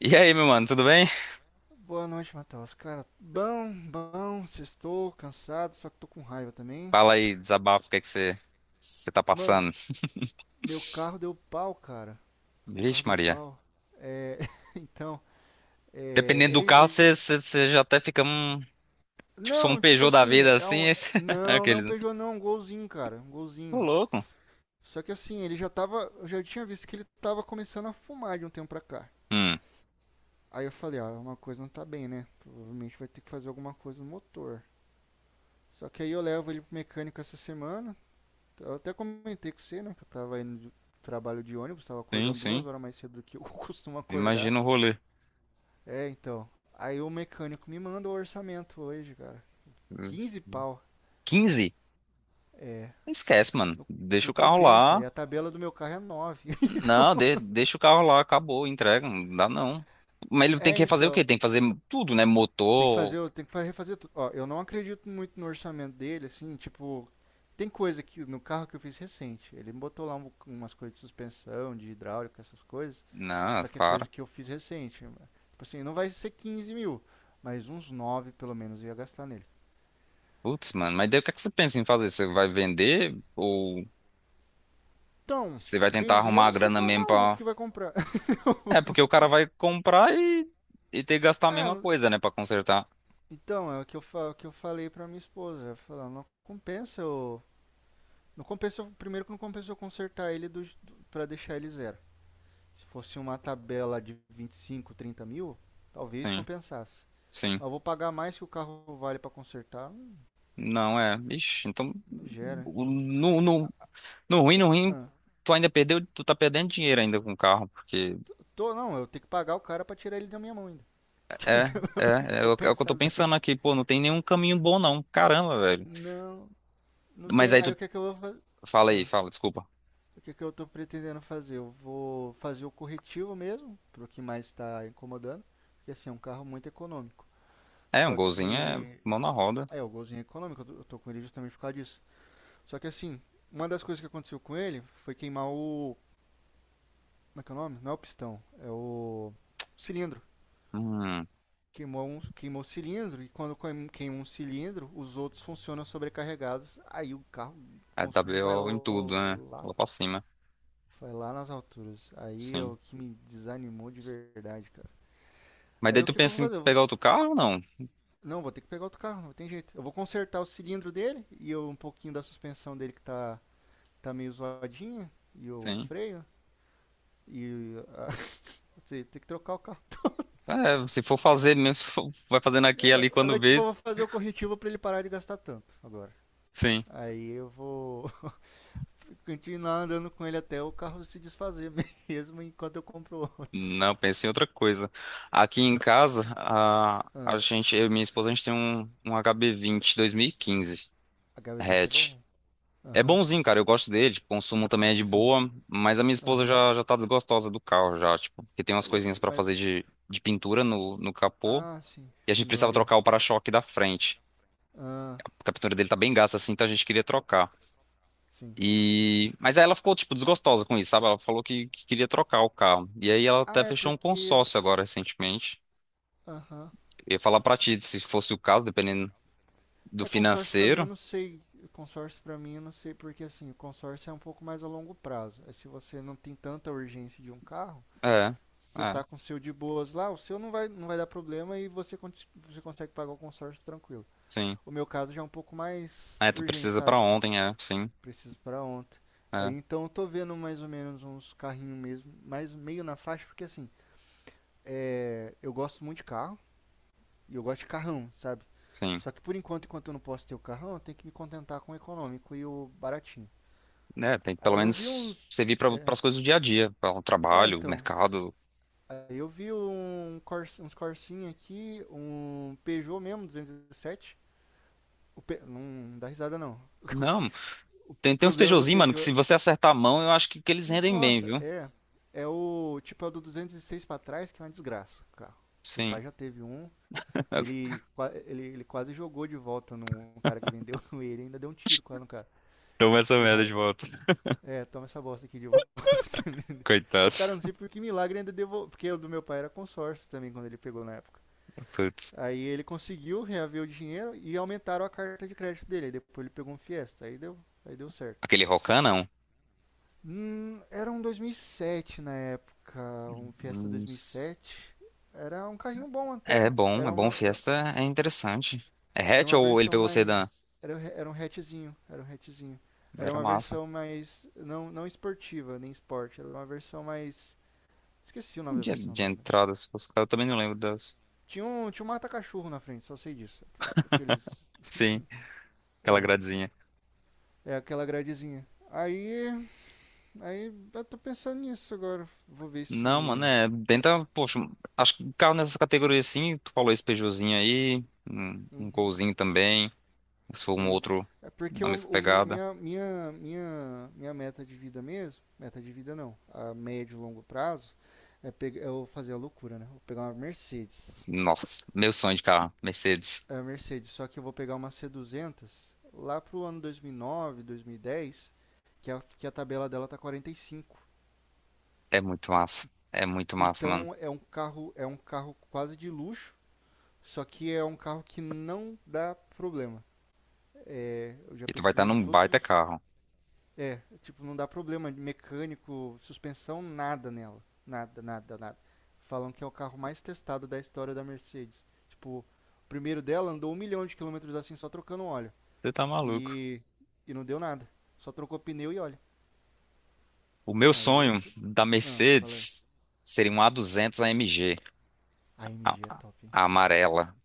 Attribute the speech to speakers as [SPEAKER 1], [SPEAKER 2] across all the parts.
[SPEAKER 1] E aí, meu mano, tudo bem?
[SPEAKER 2] Boa noite, Matheus. Cara, bom, sextou, cansado, só que tô com raiva também.
[SPEAKER 1] Fala aí, desabafo, o que é que você tá
[SPEAKER 2] Mano,
[SPEAKER 1] passando?
[SPEAKER 2] meu carro deu pau, cara. Meu carro
[SPEAKER 1] Vixe,
[SPEAKER 2] deu
[SPEAKER 1] Maria.
[SPEAKER 2] pau. É, então, é,
[SPEAKER 1] Dependendo do
[SPEAKER 2] ele,
[SPEAKER 1] carro,
[SPEAKER 2] ele-
[SPEAKER 1] você já até fica um. Tipo, só um
[SPEAKER 2] Não, tipo
[SPEAKER 1] Peugeot da
[SPEAKER 2] assim,
[SPEAKER 1] vida
[SPEAKER 2] é
[SPEAKER 1] assim.
[SPEAKER 2] um. Não, não é um
[SPEAKER 1] Aqueles, né?
[SPEAKER 2] Peugeot não, é um Golzinho, cara, um
[SPEAKER 1] Ô,
[SPEAKER 2] Golzinho.
[SPEAKER 1] louco.
[SPEAKER 2] Só que assim, eu já tinha visto que ele tava começando a fumar de um tempo pra cá.
[SPEAKER 1] Hum,
[SPEAKER 2] Aí eu falei, ó, uma coisa não tá bem, né? Provavelmente vai ter que fazer alguma coisa no motor. Só que aí eu levo ele pro mecânico essa semana. Eu até comentei com você, né? Que eu tava indo de trabalho de ônibus, tava
[SPEAKER 1] sim,
[SPEAKER 2] acordando duas
[SPEAKER 1] sim.
[SPEAKER 2] horas mais cedo do que eu costumo acordar.
[SPEAKER 1] Imagina o rolê.
[SPEAKER 2] É, então. Aí o mecânico me manda o orçamento hoje, cara. Quinze pau.
[SPEAKER 1] Quinze. Esquece, mano.
[SPEAKER 2] Não,
[SPEAKER 1] Deixa
[SPEAKER 2] não
[SPEAKER 1] o carro
[SPEAKER 2] compensa.
[SPEAKER 1] lá.
[SPEAKER 2] E a tabela do meu carro é nove.
[SPEAKER 1] Não, deixa o carro lá, acabou, entrega. Não dá não. Mas ele tem
[SPEAKER 2] É,
[SPEAKER 1] que fazer o quê?
[SPEAKER 2] então.
[SPEAKER 1] Tem que fazer tudo, né?
[SPEAKER 2] Tem que
[SPEAKER 1] Motor.
[SPEAKER 2] fazer, tem que refazer tudo. Ó, eu não acredito muito no orçamento dele, assim, tipo, tem coisa que no carro que eu fiz recente, ele botou lá umas coisas de suspensão, de hidráulica, essas coisas,
[SPEAKER 1] Não,
[SPEAKER 2] só que é coisa
[SPEAKER 1] para.
[SPEAKER 2] que eu fiz recente. Tipo assim, não vai ser 15 mil, mas uns 9 pelo menos eu ia gastar nele.
[SPEAKER 1] Putz, mano, mas daí o que é que você pensa em fazer? Você vai vender ou.
[SPEAKER 2] Então,
[SPEAKER 1] Você vai tentar
[SPEAKER 2] vender eu
[SPEAKER 1] arrumar a
[SPEAKER 2] não sei
[SPEAKER 1] grana
[SPEAKER 2] quem é o
[SPEAKER 1] mesmo
[SPEAKER 2] maluco
[SPEAKER 1] pra.
[SPEAKER 2] que vai comprar.
[SPEAKER 1] É, porque o cara vai comprar e ter que gastar a
[SPEAKER 2] É,
[SPEAKER 1] mesma coisa, né, pra consertar.
[SPEAKER 2] então, é o que eu, o que eu falei pra minha esposa, eu falei, "Ó, não compensa eu. Não compensa, primeiro que não compensa eu consertar ele do, pra deixar ele zero. Se fosse uma tabela de 25 30 mil, talvez
[SPEAKER 1] Sim,
[SPEAKER 2] compensasse.
[SPEAKER 1] sim.
[SPEAKER 2] Mas eu vou pagar mais que o carro vale para consertar, não-
[SPEAKER 1] Não é. Ixi, então.
[SPEAKER 2] gera.
[SPEAKER 1] o- No, no, no ruim, no ruim,
[SPEAKER 2] Ah,
[SPEAKER 1] tu ainda perdeu, tu tá perdendo dinheiro ainda com o carro, porque.
[SPEAKER 2] eu tô, não, eu tenho que pagar o cara para tirar ele da minha mão ainda.
[SPEAKER 1] É,
[SPEAKER 2] Se eu
[SPEAKER 1] é,
[SPEAKER 2] for
[SPEAKER 1] o é o que eu
[SPEAKER 2] pensar
[SPEAKER 1] tô
[SPEAKER 2] bem.
[SPEAKER 1] pensando aqui, pô, não tem nenhum caminho bom não. Caramba, velho.
[SPEAKER 2] Não, não
[SPEAKER 1] Mas
[SPEAKER 2] tem.
[SPEAKER 1] aí
[SPEAKER 2] Aí o
[SPEAKER 1] tu.
[SPEAKER 2] que é que eu vou fazer?
[SPEAKER 1] Fala aí,
[SPEAKER 2] Ah,
[SPEAKER 1] fala, desculpa.
[SPEAKER 2] o que é que eu tô pretendendo fazer? Eu vou fazer o corretivo mesmo, pro que mais está incomodando. Porque assim, é um carro muito econômico.
[SPEAKER 1] É, um
[SPEAKER 2] Só
[SPEAKER 1] golzinho é
[SPEAKER 2] que.
[SPEAKER 1] mão na roda.
[SPEAKER 2] É, o golzinho é econômico, eu tô com ele justamente por causa disso. Só que assim, uma das coisas que aconteceu com ele foi queimar o. Como é que é o nome? Não é o pistão, é o cilindro.
[SPEAKER 1] Hum,
[SPEAKER 2] Queimou o cilindro e quando queima um cilindro, os outros funcionam sobrecarregados. Aí o carro, o
[SPEAKER 1] é
[SPEAKER 2] consumo
[SPEAKER 1] WO em tudo, né? Lá pra cima.
[SPEAKER 2] vai lá nas alturas. Aí é
[SPEAKER 1] Sim.
[SPEAKER 2] o que me desanimou de verdade, cara.
[SPEAKER 1] Mas
[SPEAKER 2] Aí
[SPEAKER 1] daí
[SPEAKER 2] o
[SPEAKER 1] tu
[SPEAKER 2] que, que eu vou
[SPEAKER 1] pensa em
[SPEAKER 2] fazer?
[SPEAKER 1] pegar outro carro ou não?
[SPEAKER 2] Não, vou ter que pegar outro carro, não tem jeito. Eu vou consertar o cilindro dele e um pouquinho da suspensão dele que tá meio zoadinha e o
[SPEAKER 1] Sim.
[SPEAKER 2] freio. E a- ou tem que trocar o carro.
[SPEAKER 1] É, se for fazer mesmo, se for- vai fazendo aqui e ali
[SPEAKER 2] É,
[SPEAKER 1] quando
[SPEAKER 2] mas, tipo,
[SPEAKER 1] vê,
[SPEAKER 2] eu vou fazer o corretivo pra ele parar de gastar tanto agora.
[SPEAKER 1] sim.
[SPEAKER 2] Aí eu vou continuar andando com ele até o carro se desfazer mesmo enquanto eu compro outro.
[SPEAKER 1] Não, pensei em outra coisa. Aqui em casa, a
[SPEAKER 2] Ah,
[SPEAKER 1] gente, eu e minha esposa, a gente tem um, HB20 2015
[SPEAKER 2] HB20 é
[SPEAKER 1] hatch.
[SPEAKER 2] bom.
[SPEAKER 1] É
[SPEAKER 2] Aham,
[SPEAKER 1] bonzinho, cara, eu gosto dele, tipo, o consumo também é de
[SPEAKER 2] sim.
[SPEAKER 1] boa, mas a minha esposa
[SPEAKER 2] Aham.
[SPEAKER 1] já, já tá desgostosa do carro já, tipo, porque tem
[SPEAKER 2] Ô
[SPEAKER 1] umas coisinhas
[SPEAKER 2] louco,
[SPEAKER 1] pra
[SPEAKER 2] mas.
[SPEAKER 1] fazer de pintura no capô,
[SPEAKER 2] Ah, sim.
[SPEAKER 1] e a gente precisava
[SPEAKER 2] Funilaria.
[SPEAKER 1] trocar o para-choque da frente.
[SPEAKER 2] Ah,
[SPEAKER 1] A pintura dele tá bem gasta assim, então a gente queria trocar.
[SPEAKER 2] sim.
[SPEAKER 1] Mas aí ela ficou, tipo, desgostosa com isso, sabe? Ela falou que queria trocar o carro. E aí ela
[SPEAKER 2] Ah,
[SPEAKER 1] até
[SPEAKER 2] é
[SPEAKER 1] fechou um
[SPEAKER 2] porque.
[SPEAKER 1] consórcio agora, recentemente.
[SPEAKER 2] Aham.
[SPEAKER 1] Eu ia falar pra ti, se fosse o caso, dependendo do
[SPEAKER 2] É consórcio pra mim, eu
[SPEAKER 1] financeiro.
[SPEAKER 2] não sei. Consórcio pra mim, eu não sei, porque assim, o consórcio é um pouco mais a longo prazo. É se você não tem tanta urgência de um carro.
[SPEAKER 1] É,
[SPEAKER 2] Você
[SPEAKER 1] é,
[SPEAKER 2] tá com o seu de boas lá, o seu não vai dar problema e você, você consegue pagar o consórcio tranquilo.
[SPEAKER 1] sim.
[SPEAKER 2] O meu caso já é um pouco mais
[SPEAKER 1] É, tu
[SPEAKER 2] urgente,
[SPEAKER 1] precisa pra
[SPEAKER 2] sabe?
[SPEAKER 1] ontem, é, sim,
[SPEAKER 2] Preciso para ontem. Aí
[SPEAKER 1] é,
[SPEAKER 2] então eu tô vendo mais ou menos uns carrinhos mesmo, mas meio na faixa, porque assim, eu gosto muito de carro e eu gosto de carrão, sabe?
[SPEAKER 1] sim.
[SPEAKER 2] Só que por enquanto, enquanto eu não posso ter o carrão, eu tenho que me contentar com o econômico e o baratinho.
[SPEAKER 1] É, tem que pelo
[SPEAKER 2] Aí eu vi
[SPEAKER 1] menos
[SPEAKER 2] uns.
[SPEAKER 1] servir pra, pras coisas do dia a dia, para o
[SPEAKER 2] É,
[SPEAKER 1] trabalho,
[SPEAKER 2] então.
[SPEAKER 1] mercado.
[SPEAKER 2] Aí eu vi uns Corsinha aqui, um Peugeot mesmo, 217. Não dá risada, não.
[SPEAKER 1] Não,
[SPEAKER 2] O
[SPEAKER 1] tem, uns
[SPEAKER 2] problema do
[SPEAKER 1] Peugeotzinhos, mano, que
[SPEAKER 2] Peugeot.
[SPEAKER 1] se você acertar a mão, eu acho que eles rendem bem,
[SPEAKER 2] Nossa,
[SPEAKER 1] viu?
[SPEAKER 2] é. É o tipo é o do 206 pra trás, que é uma desgraça. O carro. Meu
[SPEAKER 1] Sim.
[SPEAKER 2] pai já teve um. Ele quase jogou de volta no cara que vendeu ele. Ainda deu um tiro quase no cara.
[SPEAKER 1] Toma essa
[SPEAKER 2] De
[SPEAKER 1] merda de
[SPEAKER 2] raiva.
[SPEAKER 1] volta.
[SPEAKER 2] É, toma essa bosta aqui de volta que você me deu. O cara, não
[SPEAKER 1] Coitado.
[SPEAKER 2] sei por que milagre, ainda devolveu. Porque o do meu pai era consórcio também, quando ele pegou na época.
[SPEAKER 1] Putz.
[SPEAKER 2] Aí ele conseguiu reaver o dinheiro e aumentaram a carta de crédito dele. Aí depois ele pegou um Fiesta. Aí deu certo.
[SPEAKER 1] Aquele Rocan, não.
[SPEAKER 2] Era um 2007 na época, um Fiesta
[SPEAKER 1] Nossa.
[SPEAKER 2] 2007. Era um carrinho bom
[SPEAKER 1] É
[SPEAKER 2] até.
[SPEAKER 1] bom, é
[SPEAKER 2] Era
[SPEAKER 1] bom.
[SPEAKER 2] uma, era,
[SPEAKER 1] Fiesta é interessante. É
[SPEAKER 2] era
[SPEAKER 1] hatch
[SPEAKER 2] uma
[SPEAKER 1] ou ele
[SPEAKER 2] versão
[SPEAKER 1] pegou o sedã?
[SPEAKER 2] mais. Era um hatchzinho. Era um hatchzinho. Era
[SPEAKER 1] Era
[SPEAKER 2] uma
[SPEAKER 1] massa.
[SPEAKER 2] versão mais. Não, não esportiva, nem esporte. Era uma versão mais. Esqueci o nome da versão
[SPEAKER 1] De
[SPEAKER 2] dela, né?
[SPEAKER 1] entrada, se fosse. Eu também não lembro das.
[SPEAKER 2] Tinha um mata-cachorro na frente, só sei disso. Aqueles.
[SPEAKER 1] Sim, aquela
[SPEAKER 2] É,
[SPEAKER 1] gradezinha.
[SPEAKER 2] é aquela gradezinha. Aí. Aí eu tô pensando nisso agora. Vou ver
[SPEAKER 1] Não, mano,
[SPEAKER 2] se.
[SPEAKER 1] é. Tenta, poxa, acho que carro nessa categoria assim, tu falou esse Peugeotzinho aí, um,
[SPEAKER 2] Uhum.
[SPEAKER 1] Golzinho também, se for um
[SPEAKER 2] Sim.
[SPEAKER 1] outro
[SPEAKER 2] É porque
[SPEAKER 1] da mesma pegada.
[SPEAKER 2] minha meta de vida mesmo, meta de vida não, a médio e longo prazo, pegar, eu fazer a loucura, né? Vou pegar uma Mercedes.
[SPEAKER 1] Nossa, meu sonho de carro, Mercedes.
[SPEAKER 2] É a Mercedes, só que eu vou pegar uma C200 lá pro ano 2009, 2010, que a tabela dela tá 45.
[SPEAKER 1] É muito massa. É muito massa, mano.
[SPEAKER 2] Então é um carro quase de luxo, só que é um carro que não dá problema. É, eu já
[SPEAKER 1] E tu vai estar
[SPEAKER 2] pesquisei de
[SPEAKER 1] num
[SPEAKER 2] todos
[SPEAKER 1] baita
[SPEAKER 2] os
[SPEAKER 1] carro.
[SPEAKER 2] é, tipo, não dá problema de mecânico, suspensão, nada nela. Nada, nada, nada. Falam que é o carro mais testado da história da Mercedes. Tipo, o primeiro dela andou um milhão de quilômetros assim, só trocando óleo.
[SPEAKER 1] Você tá maluco.
[SPEAKER 2] E, e não deu nada. Só trocou pneu e óleo.
[SPEAKER 1] O meu
[SPEAKER 2] Aí eu
[SPEAKER 1] sonho
[SPEAKER 2] tô.
[SPEAKER 1] da
[SPEAKER 2] Ah, falei.
[SPEAKER 1] Mercedes seria um A200 AMG,
[SPEAKER 2] A
[SPEAKER 1] a, M G,
[SPEAKER 2] AMG é
[SPEAKER 1] a
[SPEAKER 2] top, hein?
[SPEAKER 1] a amarela.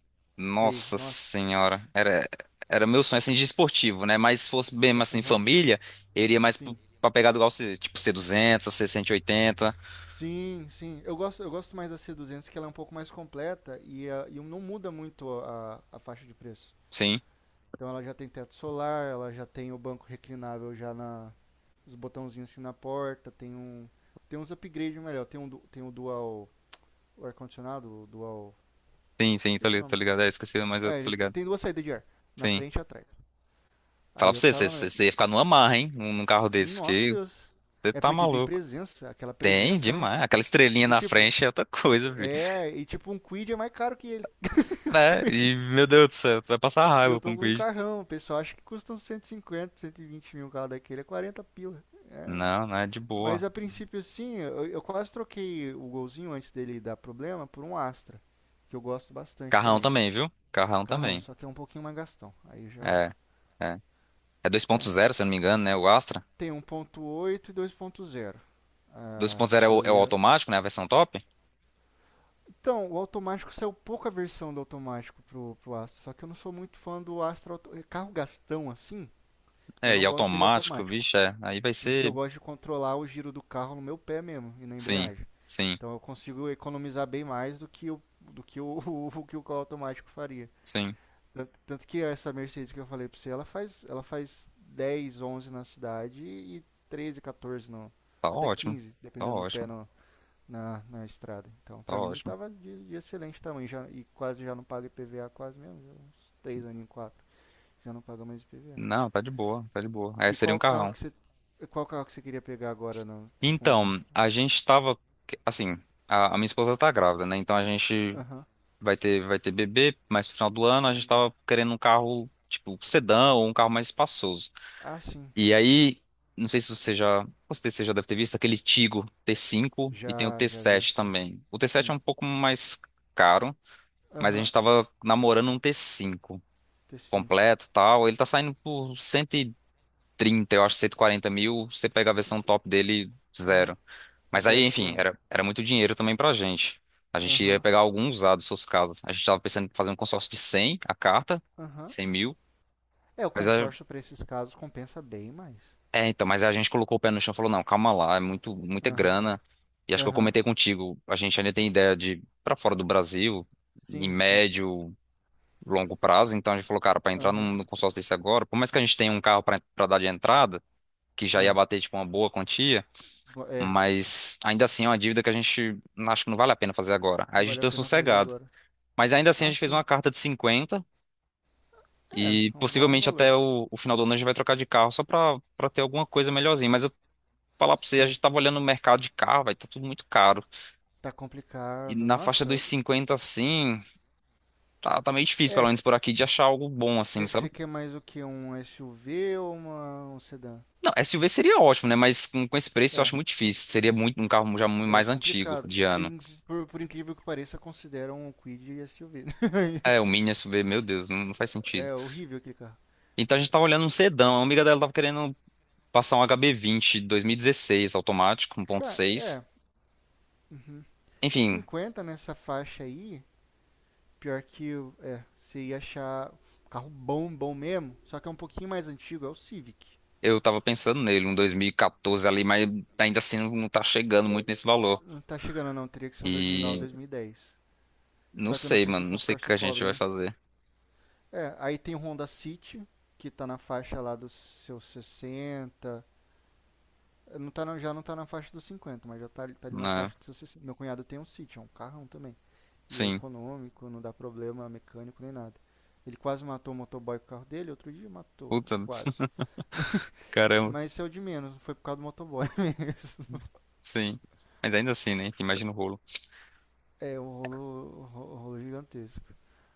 [SPEAKER 2] Sei,
[SPEAKER 1] Nossa
[SPEAKER 2] nossa.
[SPEAKER 1] senhora, era meu sonho assim de esportivo, né? Mas se fosse bem assim
[SPEAKER 2] Aham,
[SPEAKER 1] família, eu iria mais
[SPEAKER 2] sim.
[SPEAKER 1] pra pegar do igual tipo C200, C180.
[SPEAKER 2] Sim, sim. Eu gosto mais da c duzentos que ela é um pouco mais completa e não muda muito a, faixa de preço.
[SPEAKER 1] Sim,
[SPEAKER 2] Então ela já tem teto solar, ela já tem o banco reclinável já na os botãozinhos assim na porta, tem uns upgrades melhor, tem o dual o ar condicionado, o dual,
[SPEAKER 1] sim, sim, tô
[SPEAKER 2] esqueci o
[SPEAKER 1] ligado, tô
[SPEAKER 2] nome.
[SPEAKER 1] ligado. É, esqueci, mas eu
[SPEAKER 2] Ah,
[SPEAKER 1] tô
[SPEAKER 2] ele te-
[SPEAKER 1] ligado.
[SPEAKER 2] tem duas saídas de ar, na
[SPEAKER 1] Sim.
[SPEAKER 2] frente e atrás.
[SPEAKER 1] Fala
[SPEAKER 2] Aí
[SPEAKER 1] pra
[SPEAKER 2] eu
[SPEAKER 1] você,
[SPEAKER 2] tava,
[SPEAKER 1] você ia ficar numa marra, hein? Num carro desse,
[SPEAKER 2] nossa
[SPEAKER 1] porque
[SPEAKER 2] Deus.
[SPEAKER 1] você
[SPEAKER 2] É
[SPEAKER 1] tá
[SPEAKER 2] porque tem
[SPEAKER 1] maluco.
[SPEAKER 2] presença, aquela
[SPEAKER 1] Tem,
[SPEAKER 2] presença, né?
[SPEAKER 1] demais. Aquela estrelinha
[SPEAKER 2] E
[SPEAKER 1] na
[SPEAKER 2] tipo,
[SPEAKER 1] frente é outra coisa, filho.
[SPEAKER 2] e tipo um Quid é mais caro que ele.
[SPEAKER 1] Né? E, meu Deus do céu, tu vai passar
[SPEAKER 2] E eu
[SPEAKER 1] raiva com
[SPEAKER 2] tô
[SPEAKER 1] o
[SPEAKER 2] com um carrão, o pessoal acha que custa uns 150, 120 mil um carro daquele, é 40 pila.
[SPEAKER 1] Não, não é de boa.
[SPEAKER 2] Mas a princípio, sim, eu quase troquei o golzinho antes dele dar problema por um Astra, que eu gosto bastante
[SPEAKER 1] Carrão
[SPEAKER 2] também.
[SPEAKER 1] também, viu? Carrão
[SPEAKER 2] Carrão,
[SPEAKER 1] também.
[SPEAKER 2] só que é um pouquinho mais gastão. Aí já
[SPEAKER 1] É, é. É dois ponto zero, se eu não me engano, né? O Astra.
[SPEAKER 2] tem 1.8 e 2.0. Ah,
[SPEAKER 1] 2.0 é o,
[SPEAKER 2] eu ia.
[SPEAKER 1] automático, né? A versão top.
[SPEAKER 2] Então, o automático saiu pouca versão do automático pro Astra, só que eu não sou muito fã do Astra carro gastão assim. Eu
[SPEAKER 1] É, e
[SPEAKER 2] não gosto dele
[SPEAKER 1] automático,
[SPEAKER 2] automático,
[SPEAKER 1] bicho, é. Aí vai
[SPEAKER 2] porque eu
[SPEAKER 1] ser.
[SPEAKER 2] gosto de controlar o giro do carro no meu pé mesmo e na
[SPEAKER 1] Sim,
[SPEAKER 2] embreagem.
[SPEAKER 1] sim,
[SPEAKER 2] Então eu consigo economizar bem mais do que o o que o carro automático faria.
[SPEAKER 1] sim.
[SPEAKER 2] Tanto que essa Mercedes que eu falei pra você, ela faz 10 11 na cidade e 13 14 no,
[SPEAKER 1] Tá
[SPEAKER 2] até
[SPEAKER 1] ótimo.
[SPEAKER 2] 15
[SPEAKER 1] Tá
[SPEAKER 2] dependendo do pé
[SPEAKER 1] ótimo.
[SPEAKER 2] na estrada. Então
[SPEAKER 1] Tá
[SPEAKER 2] pra mim
[SPEAKER 1] ótimo.
[SPEAKER 2] tava de excelente tamanho já, e quase já não paga IPVA, quase mesmo, já uns 3 aninhos, 4, já não paga mais IPVA.
[SPEAKER 1] Não, tá de boa, tá de boa. É,
[SPEAKER 2] E
[SPEAKER 1] seria um
[SPEAKER 2] qual carro
[SPEAKER 1] carrão.
[SPEAKER 2] que você, qual carro que você queria pegar agora não, com.
[SPEAKER 1] Então, a gente tava. Assim, a minha esposa tá grávida, né? Então a gente
[SPEAKER 2] Aham,
[SPEAKER 1] vai ter bebê, mas no final do ano a gente
[SPEAKER 2] sim.
[SPEAKER 1] tava querendo um carro, tipo, sedã ou um carro mais espaçoso.
[SPEAKER 2] Ah, sim.
[SPEAKER 1] E aí, não sei se você já, com certeza você já deve ter visto aquele Tigo T5 e tem o
[SPEAKER 2] Já,
[SPEAKER 1] t
[SPEAKER 2] já vi,
[SPEAKER 1] sete
[SPEAKER 2] sim.
[SPEAKER 1] também. O T7 é
[SPEAKER 2] Sim.
[SPEAKER 1] um pouco mais caro, mas a
[SPEAKER 2] Aham.
[SPEAKER 1] gente tava namorando um T5
[SPEAKER 2] T5.
[SPEAKER 1] completo, e tal. Ele tá saindo
[SPEAKER 2] Sim.
[SPEAKER 1] por 130, eu acho, 140 mil. Você pega a
[SPEAKER 2] Sim.
[SPEAKER 1] versão top dele,
[SPEAKER 2] Aham.
[SPEAKER 1] zero. Mas aí,
[SPEAKER 2] Zero
[SPEAKER 1] enfim,
[SPEAKER 2] quilômetro.
[SPEAKER 1] era muito dinheiro também pra gente. A gente ia
[SPEAKER 2] Aham.
[SPEAKER 1] pegar alguns usados, se fosse o caso. A gente tava pensando em fazer um consórcio de 100 a carta,
[SPEAKER 2] Aham.
[SPEAKER 1] 100 mil.
[SPEAKER 2] É, o
[SPEAKER 1] Mas
[SPEAKER 2] consórcio para esses casos compensa bem mais.
[SPEAKER 1] Então, mas a gente colocou o pé no chão e falou, não, calma lá, é muito, muita
[SPEAKER 2] Aham.
[SPEAKER 1] grana. E acho que eu
[SPEAKER 2] Aham.
[SPEAKER 1] comentei contigo, a gente ainda tem ideia de ir pra fora do Brasil, em
[SPEAKER 2] Sim, sim.
[SPEAKER 1] médio, longo prazo. Então a gente falou, cara, pra entrar
[SPEAKER 2] Aham.
[SPEAKER 1] num consórcio desse agora, por mais que a gente tenha um carro pra dar de entrada, que já ia
[SPEAKER 2] Ah.
[SPEAKER 1] bater, tipo, uma boa quantia,
[SPEAKER 2] É,
[SPEAKER 1] mas ainda assim é uma dívida que a gente acho que não vale a pena fazer agora. Aí a
[SPEAKER 2] não
[SPEAKER 1] gente
[SPEAKER 2] vale a
[SPEAKER 1] deu
[SPEAKER 2] pena fazer
[SPEAKER 1] sossegado.
[SPEAKER 2] agora.
[SPEAKER 1] Mas ainda assim a
[SPEAKER 2] Ah,
[SPEAKER 1] gente fez
[SPEAKER 2] sim.
[SPEAKER 1] uma carta de 50
[SPEAKER 2] É,
[SPEAKER 1] e
[SPEAKER 2] é um bom
[SPEAKER 1] possivelmente até
[SPEAKER 2] valor.
[SPEAKER 1] o final do ano a gente vai trocar de carro só pra ter alguma coisa melhorzinha. Mas falar pra você, a
[SPEAKER 2] Sim.
[SPEAKER 1] gente tava olhando no mercado de carro, vai, tá tudo muito caro.
[SPEAKER 2] Tá
[SPEAKER 1] E
[SPEAKER 2] complicado.
[SPEAKER 1] na faixa dos
[SPEAKER 2] Nossa,
[SPEAKER 1] 50 assim, tá, tá meio difícil, pelo
[SPEAKER 2] é.
[SPEAKER 1] menos por aqui, de achar algo bom, assim,
[SPEAKER 2] Você
[SPEAKER 1] sabe?
[SPEAKER 2] você quer mais o que? Um SUV ou uma, um sedã?
[SPEAKER 1] Não, SUV seria ótimo, né? Mas com esse preço eu
[SPEAKER 2] É,
[SPEAKER 1] acho muito difícil. Seria muito um carro já muito
[SPEAKER 2] é
[SPEAKER 1] mais antigo
[SPEAKER 2] complicado.
[SPEAKER 1] de ano.
[SPEAKER 2] Por incrível que pareça, consideram o Kwid SUV.
[SPEAKER 1] É, o Mini SUV, meu Deus, não, não faz sentido.
[SPEAKER 2] É horrível aquele carro.
[SPEAKER 1] Então a gente tava olhando um sedã. A amiga dela tava querendo passar um hb e 2016 automático, um ponto
[SPEAKER 2] Cara,
[SPEAKER 1] seis Enfim,
[SPEAKER 2] 50 nessa faixa aí, pior que é, você ia achar um carro bom, bom mesmo, só que é um pouquinho mais antigo, é o Civic.
[SPEAKER 1] eu tava pensando nele, um 2014 ali, mas ainda assim não tá chegando muito nesse valor.
[SPEAKER 2] Não tá chegando não, teria que ser um 2009, 2010.
[SPEAKER 1] Não
[SPEAKER 2] Só que eu não
[SPEAKER 1] sei,
[SPEAKER 2] sei se o
[SPEAKER 1] mano. Não sei o
[SPEAKER 2] consórcio
[SPEAKER 1] que a gente
[SPEAKER 2] cobre,
[SPEAKER 1] vai
[SPEAKER 2] né?
[SPEAKER 1] fazer.
[SPEAKER 2] É, aí tem o Honda City, que tá na faixa lá dos seus 60. Não tá, não já não tá na faixa dos 50, mas já tá, tá ali na
[SPEAKER 1] Na,
[SPEAKER 2] faixa dos seus 60. Meu cunhado tem um City, é um carrão também. E é
[SPEAKER 1] sim.
[SPEAKER 2] econômico, não dá problema mecânico nem nada. Ele quase matou o motoboy com o carro dele, outro dia matou,
[SPEAKER 1] Puta,
[SPEAKER 2] quase.
[SPEAKER 1] caramba.
[SPEAKER 2] Mas isso é o de menos, não foi por causa do motoboy mesmo.
[SPEAKER 1] Sim. Mas ainda assim, né? Imagina o rolo.
[SPEAKER 2] É um rolo, rolo gigantesco.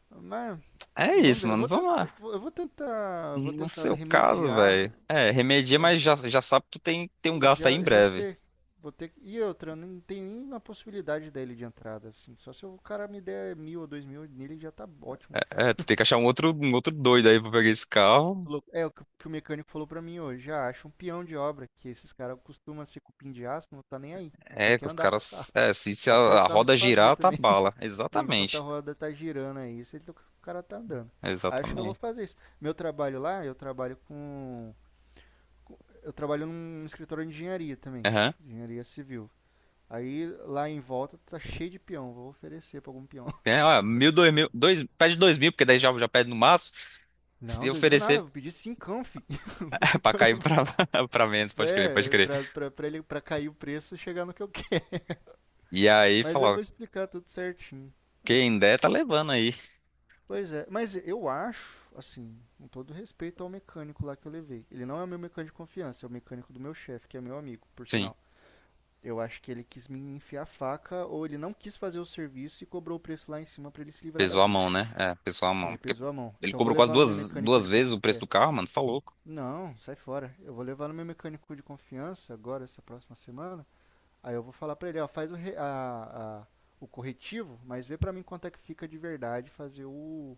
[SPEAKER 2] Mas
[SPEAKER 1] É
[SPEAKER 2] vamos
[SPEAKER 1] isso,
[SPEAKER 2] ver, eu
[SPEAKER 1] mano.
[SPEAKER 2] vou,
[SPEAKER 1] Vamos
[SPEAKER 2] tent- eu
[SPEAKER 1] lá.
[SPEAKER 2] vou- eu vou tentar, vou
[SPEAKER 1] No
[SPEAKER 2] tentar
[SPEAKER 1] seu caso,
[SPEAKER 2] remediar,
[SPEAKER 1] velho. É, remedia,
[SPEAKER 2] é,
[SPEAKER 1] mas já, já sabe que tu tem um gasto aí em
[SPEAKER 2] já
[SPEAKER 1] breve.
[SPEAKER 2] sei. Vou ter. E outra, não tem nenhuma possibilidade dele de entrada, assim. Só se o cara me der mil ou dois mil nele já tá ótimo.
[SPEAKER 1] É, tu tem que achar um outro doido aí pra pegar esse carro.
[SPEAKER 2] É o que o mecânico falou pra mim hoje. Ah, acho um peão de obra, que esses caras costumam ser cupim de aço, não tá nem aí. Só
[SPEAKER 1] É, que
[SPEAKER 2] quer
[SPEAKER 1] os
[SPEAKER 2] andar com o
[SPEAKER 1] caras.
[SPEAKER 2] carro.
[SPEAKER 1] É, se
[SPEAKER 2] Até o
[SPEAKER 1] a
[SPEAKER 2] carro
[SPEAKER 1] roda
[SPEAKER 2] desfazer
[SPEAKER 1] girar, tá
[SPEAKER 2] também.
[SPEAKER 1] bala.
[SPEAKER 2] É, enquanto a
[SPEAKER 1] Exatamente.
[SPEAKER 2] roda tá girando aí, tá, o cara tá andando. Acho que eu vou
[SPEAKER 1] Exatamente.
[SPEAKER 2] fazer isso. Meu trabalho lá, eu trabalho com. Eu trabalho num escritório de engenharia também.
[SPEAKER 1] Aham.
[SPEAKER 2] Engenharia civil. Aí lá em volta tá cheio de peão. Vou oferecer pra algum peão.
[SPEAKER 1] É, ó, 1.000, 2.000. Dois, pede 2.000, porque daí já, já pede no máximo.
[SPEAKER 2] Não,
[SPEAKER 1] Se
[SPEAKER 2] dois mil nada,
[SPEAKER 1] oferecer.
[SPEAKER 2] vou pedir cincão, fi.
[SPEAKER 1] Pra cair pra, pra menos, pode crer, pode
[SPEAKER 2] É,
[SPEAKER 1] crer.
[SPEAKER 2] pra ele pra cair o preço e chegar no que eu quero.
[SPEAKER 1] E aí
[SPEAKER 2] Mas eu
[SPEAKER 1] falou,
[SPEAKER 2] vou explicar tudo certinho.
[SPEAKER 1] quem der tá levando aí.
[SPEAKER 2] Pois é, mas eu acho, assim, com todo respeito ao mecânico lá que eu levei. Ele não é o meu mecânico de confiança, é o mecânico do meu chefe, que é meu amigo, por
[SPEAKER 1] Sim,
[SPEAKER 2] sinal. Eu acho que ele quis me enfiar a faca ou ele não quis fazer o serviço e cobrou o preço lá em cima pra ele se livrar da
[SPEAKER 1] pesou a mão,
[SPEAKER 2] bucha.
[SPEAKER 1] né? É, pesou a mão.
[SPEAKER 2] Ele
[SPEAKER 1] Porque
[SPEAKER 2] pesou a mão.
[SPEAKER 1] ele
[SPEAKER 2] Então eu vou
[SPEAKER 1] cobrou quase
[SPEAKER 2] levar no meu mecânico
[SPEAKER 1] duas
[SPEAKER 2] de
[SPEAKER 1] vezes
[SPEAKER 2] confiança.
[SPEAKER 1] o preço
[SPEAKER 2] É.
[SPEAKER 1] do carro, mano, você tá louco.
[SPEAKER 2] Não, sai fora. Eu vou levar no meu mecânico de confiança agora, essa próxima semana. Aí eu vou falar pra ele, ó, faz o, re- a- o corretivo, mas vê pra mim quanto é que fica de verdade fazer o,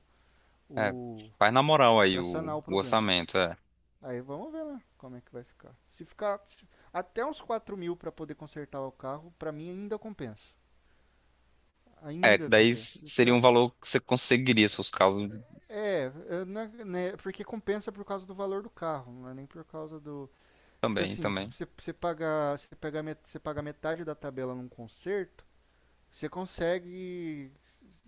[SPEAKER 1] É,
[SPEAKER 2] o
[SPEAKER 1] faz na moral aí
[SPEAKER 2] para sanar o
[SPEAKER 1] o
[SPEAKER 2] problema.
[SPEAKER 1] orçamento, é.
[SPEAKER 2] Aí vamos ver lá como é que vai ficar. Se ficar até uns 4 mil para poder consertar o carro, para mim ainda compensa.
[SPEAKER 1] É, que
[SPEAKER 2] Ainda
[SPEAKER 1] daí
[SPEAKER 2] compensa. O que
[SPEAKER 1] seria
[SPEAKER 2] eu,
[SPEAKER 1] um valor que você conseguiria se fosse o caso
[SPEAKER 2] é, eu né, porque compensa por causa do valor do carro, não é nem por causa do. Porque
[SPEAKER 1] também,
[SPEAKER 2] assim,
[SPEAKER 1] também.
[SPEAKER 2] você paga metade da tabela num conserto, você consegue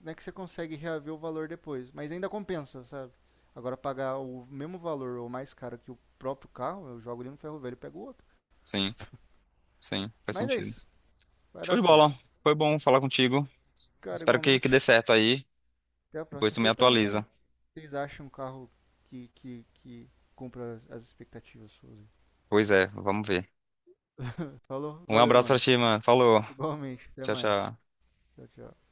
[SPEAKER 2] né, que você consegue reaver o valor depois. Mas ainda compensa, sabe? Agora pagar o mesmo valor ou mais caro que o próprio carro, eu jogo ele no ferro velho e pego o outro.
[SPEAKER 1] Sim, sim, faz
[SPEAKER 2] Mas é
[SPEAKER 1] sentido.
[SPEAKER 2] isso. Vai
[SPEAKER 1] Show
[SPEAKER 2] dar
[SPEAKER 1] de bola,
[SPEAKER 2] certo.
[SPEAKER 1] foi bom falar contigo.
[SPEAKER 2] Cara,
[SPEAKER 1] Espero que dê
[SPEAKER 2] igualmente.
[SPEAKER 1] certo aí.
[SPEAKER 2] Até a
[SPEAKER 1] Depois
[SPEAKER 2] próxima.
[SPEAKER 1] tu me
[SPEAKER 2] Você também, hein?
[SPEAKER 1] atualiza.
[SPEAKER 2] Vocês acham um carro que cumpra as expectativas suas?
[SPEAKER 1] Pois é, vamos ver.
[SPEAKER 2] Falou?
[SPEAKER 1] Um
[SPEAKER 2] Valeu,
[SPEAKER 1] abraço pra
[SPEAKER 2] mano.
[SPEAKER 1] ti, mano. Falou.
[SPEAKER 2] Igualmente. Até
[SPEAKER 1] Tchau,
[SPEAKER 2] mais.
[SPEAKER 1] tchau.
[SPEAKER 2] Tchau, tchau.